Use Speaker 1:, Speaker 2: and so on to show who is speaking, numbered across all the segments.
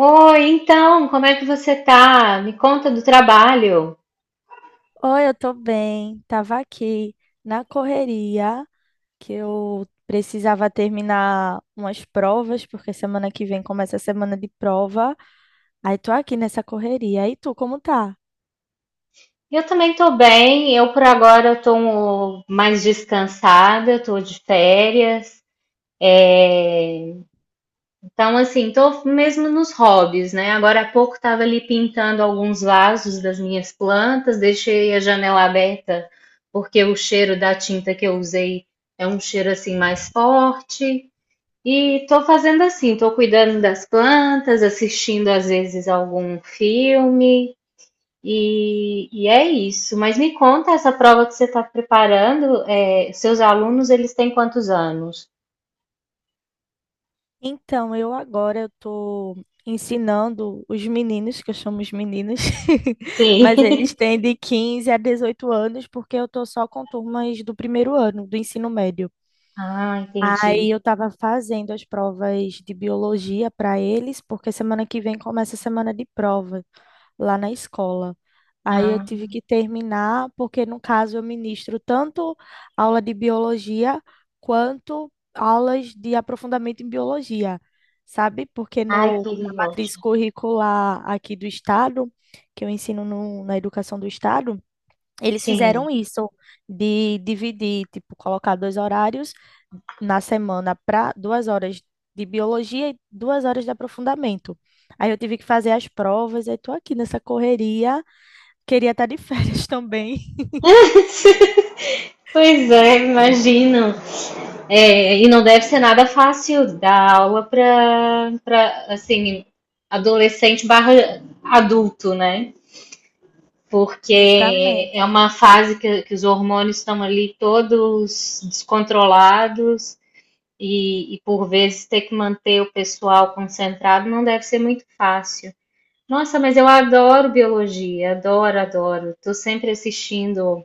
Speaker 1: Oi, então, como é que você tá? Me conta do trabalho.
Speaker 2: Oi, eu tô bem. Tava aqui na correria que eu precisava terminar umas provas, porque semana que vem começa a semana de prova. Aí tô aqui nessa correria. E tu, como tá?
Speaker 1: Eu também tô bem. Eu por agora eu tô mais descansada, eu tô de férias. Então, assim, tô mesmo nos hobbies, né? Agora há pouco tava ali pintando alguns vasos das minhas plantas, deixei a janela aberta porque o cheiro da tinta que eu usei é um cheiro assim mais forte. E tô fazendo assim, tô cuidando das plantas, assistindo às vezes algum filme. E é isso. Mas me conta essa prova que você está preparando. É, seus alunos, eles têm quantos anos?
Speaker 2: Então, eu agora eu tô ensinando os meninos, que eu chamo os meninos,
Speaker 1: Sim.
Speaker 2: mas eles têm de 15 a 18 anos, porque eu tô só com turmas do primeiro ano, do ensino médio.
Speaker 1: Ah,
Speaker 2: Aí
Speaker 1: entendi.
Speaker 2: eu estava fazendo as provas de biologia para eles, porque semana que vem começa a semana de prova lá na escola. Aí eu
Speaker 1: Ah,
Speaker 2: tive que terminar, porque no caso eu ministro tanto aula de biologia quanto aulas de aprofundamento em biologia, sabe? Porque
Speaker 1: ai,
Speaker 2: no,
Speaker 1: que
Speaker 2: na matriz
Speaker 1: ótimo.
Speaker 2: curricular aqui do estado, que eu ensino na educação do estado, eles
Speaker 1: Sim.
Speaker 2: fizeram isso de dividir, tipo, colocar dois horários na semana para duas horas de biologia e duas horas de aprofundamento. Aí eu tive que fazer as provas, aí tô aqui nessa correria. Queria estar de férias também.
Speaker 1: Pois é, imagino. É, e não deve ser nada fácil dar aula para assim adolescente barra adulto, né? Porque é
Speaker 2: Justamente.
Speaker 1: uma fase que os hormônios estão ali todos descontrolados. E por vezes ter que manter o pessoal concentrado não deve ser muito fácil. Nossa, mas eu adoro biologia, adoro, adoro. Estou sempre assistindo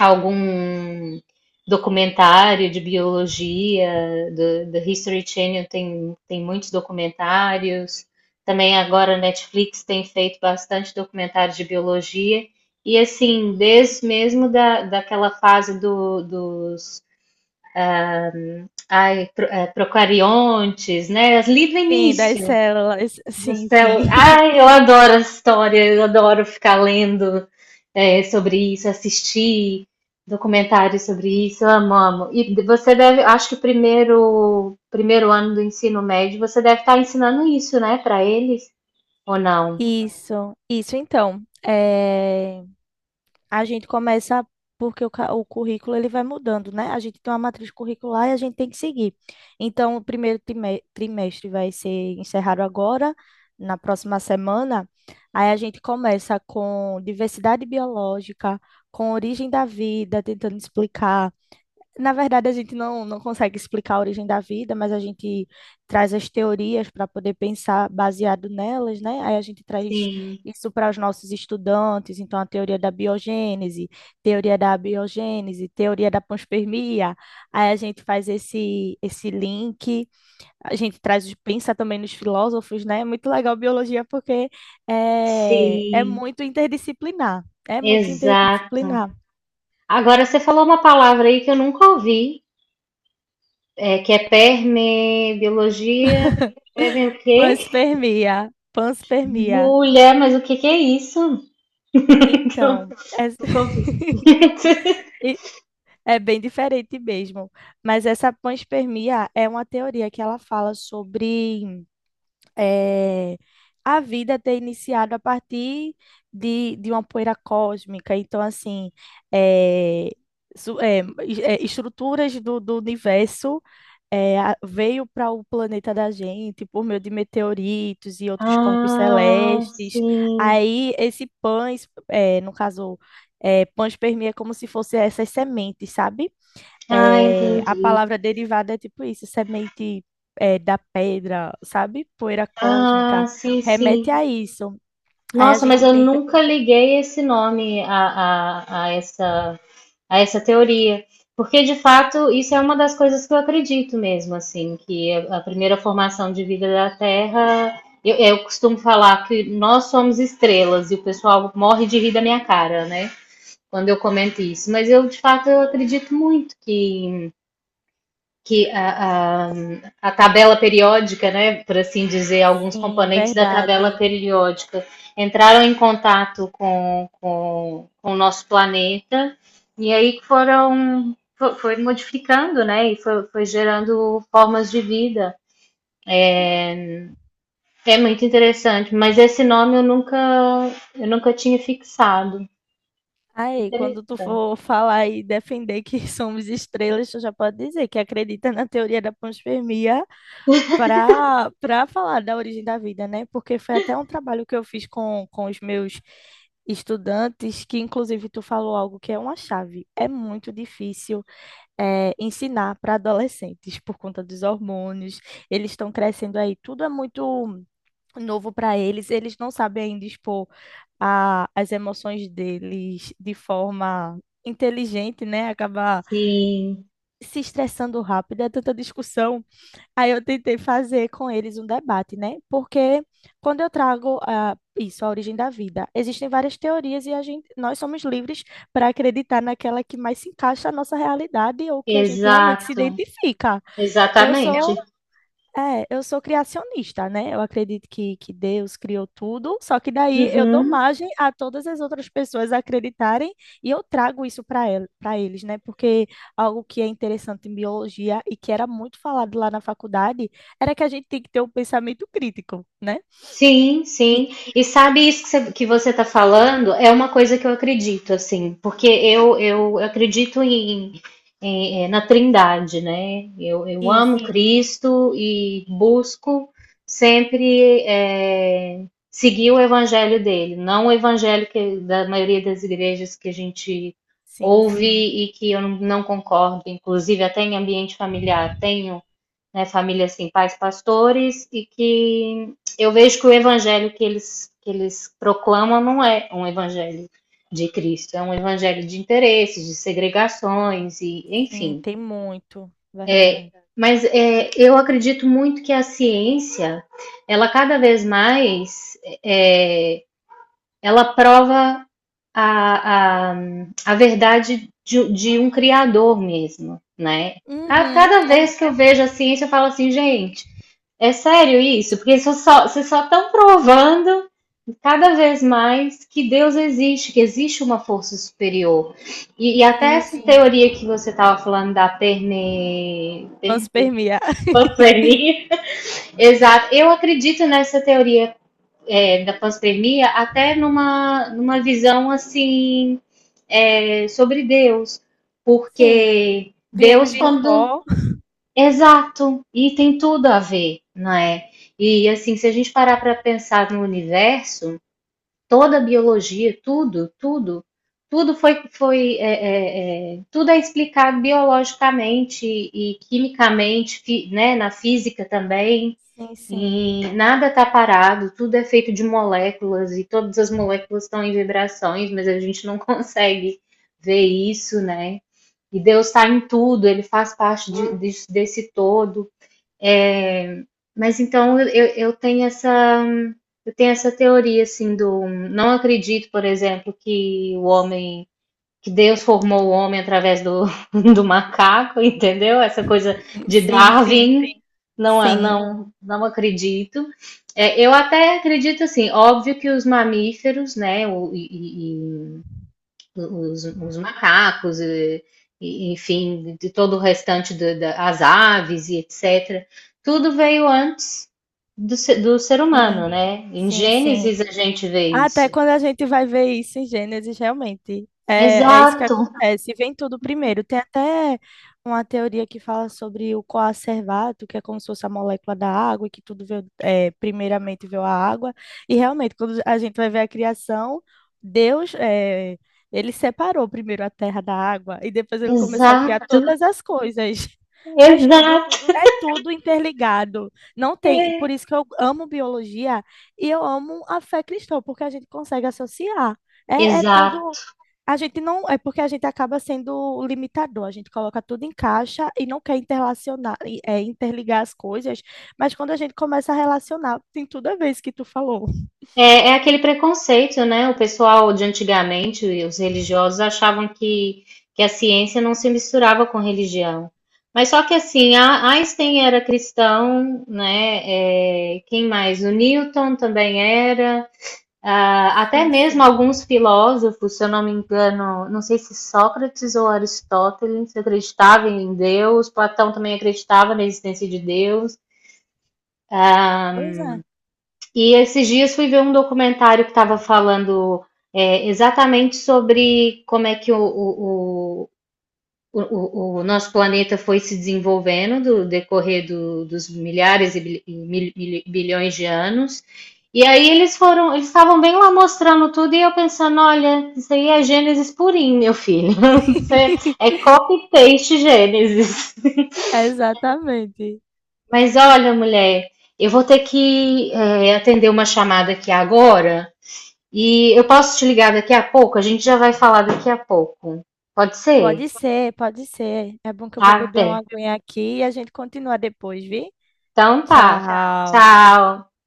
Speaker 1: algum documentário de biologia, do History Channel tem muitos documentários. Também agora a Netflix tem feito bastante documentário de biologia. E assim, desde mesmo daquela fase do, dos procariontes, né? As Livro
Speaker 2: Sim, das
Speaker 1: Início.
Speaker 2: células. Sim, sim.
Speaker 1: Ai, eu adoro essa história, eu adoro ficar lendo sobre isso, assistir documentários sobre isso, eu amo, amo. E você deve, acho que o primeiro ano do ensino médio, você deve estar ensinando isso, né, para eles, ou não?
Speaker 2: Isso então. A gente começa porque o currículo ele vai mudando, né? A gente tem uma matriz curricular e a gente tem que seguir. Então, o trimestre vai ser encerrado agora, na próxima semana. Aí a gente começa com diversidade biológica, com origem da vida, tentando explicar na verdade, a gente não consegue explicar a origem da vida, mas a gente traz as teorias para poder pensar baseado nelas, né? Aí a gente traz
Speaker 1: Sim,
Speaker 2: isso para os nossos estudantes, então a teoria da biogênese, teoria da abiogênese, teoria da panspermia. Aí a gente faz esse link, a gente pensa também nos filósofos, né? É muito legal biologia porque é
Speaker 1: sim,
Speaker 2: muito interdisciplinar, é muito
Speaker 1: exato.
Speaker 2: interdisciplinar.
Speaker 1: Agora, você falou uma palavra aí que eu nunca ouvi, que é permebiologia, perme o quê?
Speaker 2: Panspermia, panspermia.
Speaker 1: Mulher, mas o que que é isso? Eu
Speaker 2: Então,
Speaker 1: nunca ouvi.
Speaker 2: e- é bem diferente mesmo. Mas essa panspermia é uma teoria que ela fala sobre eh, a vida ter iniciado a partir de uma poeira cósmica. Então, assim, eh, estruturas do universo veio para o planeta da gente por meio de meteoritos e outros corpos
Speaker 1: Ah,
Speaker 2: celestes.
Speaker 1: sim.
Speaker 2: Aí esse pães, é, no caso, é, panspermia é como se fosse essas sementes, sabe?
Speaker 1: Ah,
Speaker 2: É, a
Speaker 1: entendi.
Speaker 2: palavra derivada é tipo isso, semente é, da pedra, sabe? Poeira
Speaker 1: Ah,
Speaker 2: cósmica,
Speaker 1: sim,
Speaker 2: remete
Speaker 1: sim.
Speaker 2: a isso. Aí a
Speaker 1: Nossa, mas
Speaker 2: gente
Speaker 1: eu
Speaker 2: tenta,
Speaker 1: nunca liguei esse nome a essa teoria. Porque, de fato, isso é uma das coisas que eu acredito mesmo, assim, que a primeira formação de vida da Terra. Eu costumo falar que nós somos estrelas e o pessoal morre de rir da minha cara, né? Quando eu comento isso, mas eu de fato eu acredito muito que a tabela periódica, né, por assim dizer, alguns
Speaker 2: sim,
Speaker 1: componentes da tabela
Speaker 2: verdade.
Speaker 1: periódica entraram em contato com o nosso planeta e aí foram foi modificando, né, e foi gerando formas de vida. É muito interessante, mas esse nome eu nunca tinha fixado.
Speaker 2: Aí, quando tu
Speaker 1: Interessante.
Speaker 2: for falar e defender que somos estrelas, tu já pode dizer que acredita na teoria da panspermia para falar da origem da vida, né? Porque foi até um trabalho que eu fiz com os meus estudantes, que inclusive tu falou algo que é uma chave. É muito difícil ensinar para adolescentes por conta dos hormônios, eles estão crescendo aí, tudo é muito novo para eles, eles não sabem ainda expor as emoções deles de forma inteligente, né? Acaba
Speaker 1: Sim,
Speaker 2: se estressando rápido, é tanta discussão. Aí eu tentei fazer com eles um debate, né? Porque quando eu trago ah, isso, a origem da vida, existem várias teorias e a gente, nós somos livres para acreditar naquela que mais se encaixa à nossa realidade ou que a gente realmente se
Speaker 1: exato.
Speaker 2: identifica. Eu sou
Speaker 1: Exatamente.
Speaker 2: eu sou criacionista, né? Eu acredito que Deus criou tudo, só que daí eu dou
Speaker 1: Uhum.
Speaker 2: margem a todas as outras pessoas acreditarem e eu trago isso para eles, né? Porque algo que é interessante em biologia e que era muito falado lá na faculdade era que a gente tem que ter um pensamento crítico, né?
Speaker 1: Sim,
Speaker 2: E-
Speaker 1: sim. E sabe isso que você está falando? É uma coisa que eu acredito, assim, porque eu acredito na Trindade, né? Eu amo
Speaker 2: Isso,
Speaker 1: Cristo e busco sempre seguir o evangelho dele, não o evangelho que, da maioria das igrejas que a gente
Speaker 2: sim,
Speaker 1: ouve
Speaker 2: sim,
Speaker 1: e que eu não concordo, inclusive até em ambiente familiar. Tenho né, família assim, pais pastores, e que eu vejo que o evangelho que eles proclamam não é um evangelho de Cristo, é um evangelho de interesses, de segregações, e
Speaker 2: sim,
Speaker 1: enfim.
Speaker 2: tem muito,
Speaker 1: É,
Speaker 2: verdade.
Speaker 1: mas eu acredito muito que a ciência, ela cada vez mais é, ela prova a, a, a verdade de um criador mesmo, né?
Speaker 2: Uhum,
Speaker 1: Cada
Speaker 2: é,
Speaker 1: vez que eu vejo a ciência, eu falo assim, gente, é sério isso? Porque vocês só estão provando cada vez mais que Deus existe, que existe uma força superior. E até
Speaker 2: sim,
Speaker 1: essa
Speaker 2: sim.
Speaker 1: teoria que você estava falando da
Speaker 2: Panspermia.
Speaker 1: panpania, exato, eu acredito nessa teoria da pós-pandemia, até numa visão assim sobre Deus,
Speaker 2: Sim,
Speaker 1: porque Deus
Speaker 2: viemos do
Speaker 1: quando
Speaker 2: pó.
Speaker 1: exato e tem tudo a ver, não é? E assim, se a gente parar para pensar no universo, toda a biologia, tudo, tudo, tudo foi, foi é, é, é, tudo é explicado biologicamente e quimicamente, né, na física também.
Speaker 2: Sim, sim.
Speaker 1: E nada está parado, tudo é feito de moléculas e todas as moléculas estão em vibrações, mas a gente não consegue ver isso, né? E Deus está em tudo, Ele faz parte desse todo. É, mas então eu tenho essa teoria assim do não acredito, por exemplo, que o homem que Deus formou o homem através do, do macaco, entendeu? Essa coisa de
Speaker 2: Sim, sim,
Speaker 1: Darwin, não,
Speaker 2: sim,
Speaker 1: não acredito. É, eu até acredito assim, óbvio que os mamíferos, né, e os macacos, enfim, de todo o restante as aves e etc. Tudo veio antes do, se- do ser
Speaker 2: sim,
Speaker 1: humano, né? Em
Speaker 2: sim, sim.
Speaker 1: Gênesis a gente vê
Speaker 2: Até
Speaker 1: isso.
Speaker 2: quando a gente vai ver isso em Gênesis, realmente. É, é isso que
Speaker 1: Exato,
Speaker 2: acontece. Vem tudo primeiro. Tem até uma teoria que fala sobre o coacervato, que é como se fosse a molécula da água, e que tudo veio, é, primeiramente veio a água. E realmente, quando a gente vai ver a criação, Deus, é, ele separou primeiro a terra da água e depois ele começou a criar
Speaker 1: exato,
Speaker 2: todas as coisas. Faz tudo,
Speaker 1: exato.
Speaker 2: é tudo interligado. Não tem,
Speaker 1: É,
Speaker 2: por isso que eu amo biologia e eu amo a fé cristã, porque a gente consegue associar. É, é tudo.
Speaker 1: exato.
Speaker 2: A gente não. É porque a gente acaba sendo limitador. A gente coloca tudo em caixa e não quer interlacionar, interligar as coisas. Mas quando a gente começa a relacionar, tem tudo a ver isso que tu falou.
Speaker 1: É aquele preconceito, né? O pessoal de antigamente, os religiosos, achavam que a ciência não se misturava com religião. Mas só que assim, Einstein era cristão, né? É, quem mais? O Newton também era. Ah, até
Speaker 2: Sim,
Speaker 1: mesmo
Speaker 2: sim.
Speaker 1: alguns filósofos, se eu não me engano, não sei se Sócrates ou Aristóteles acreditavam em Deus, Platão também acreditava na existência de Deus. Ah,
Speaker 2: Pois é.
Speaker 1: e esses dias fui ver um documentário que estava falando exatamente sobre como é que o nosso planeta foi se desenvolvendo do decorrer dos milhares e bilhões de anos. E aí eles estavam bem lá mostrando tudo e eu pensando, olha, isso aí é Gênesis purinho, meu filho. Isso é copy-paste Gênesis.
Speaker 2: Exatamente.
Speaker 1: Mas olha, mulher, eu vou ter que, atender uma chamada aqui agora. E eu posso te ligar daqui a pouco? A gente já vai falar daqui a pouco. Pode ser?
Speaker 2: Pode ser, pode ser. É bom que eu vou
Speaker 1: Tá
Speaker 2: beber uma
Speaker 1: bem.
Speaker 2: aguinha aqui e a gente continua depois, vi?
Speaker 1: Então tá. Tchau.
Speaker 2: Tchau.
Speaker 1: Tchau.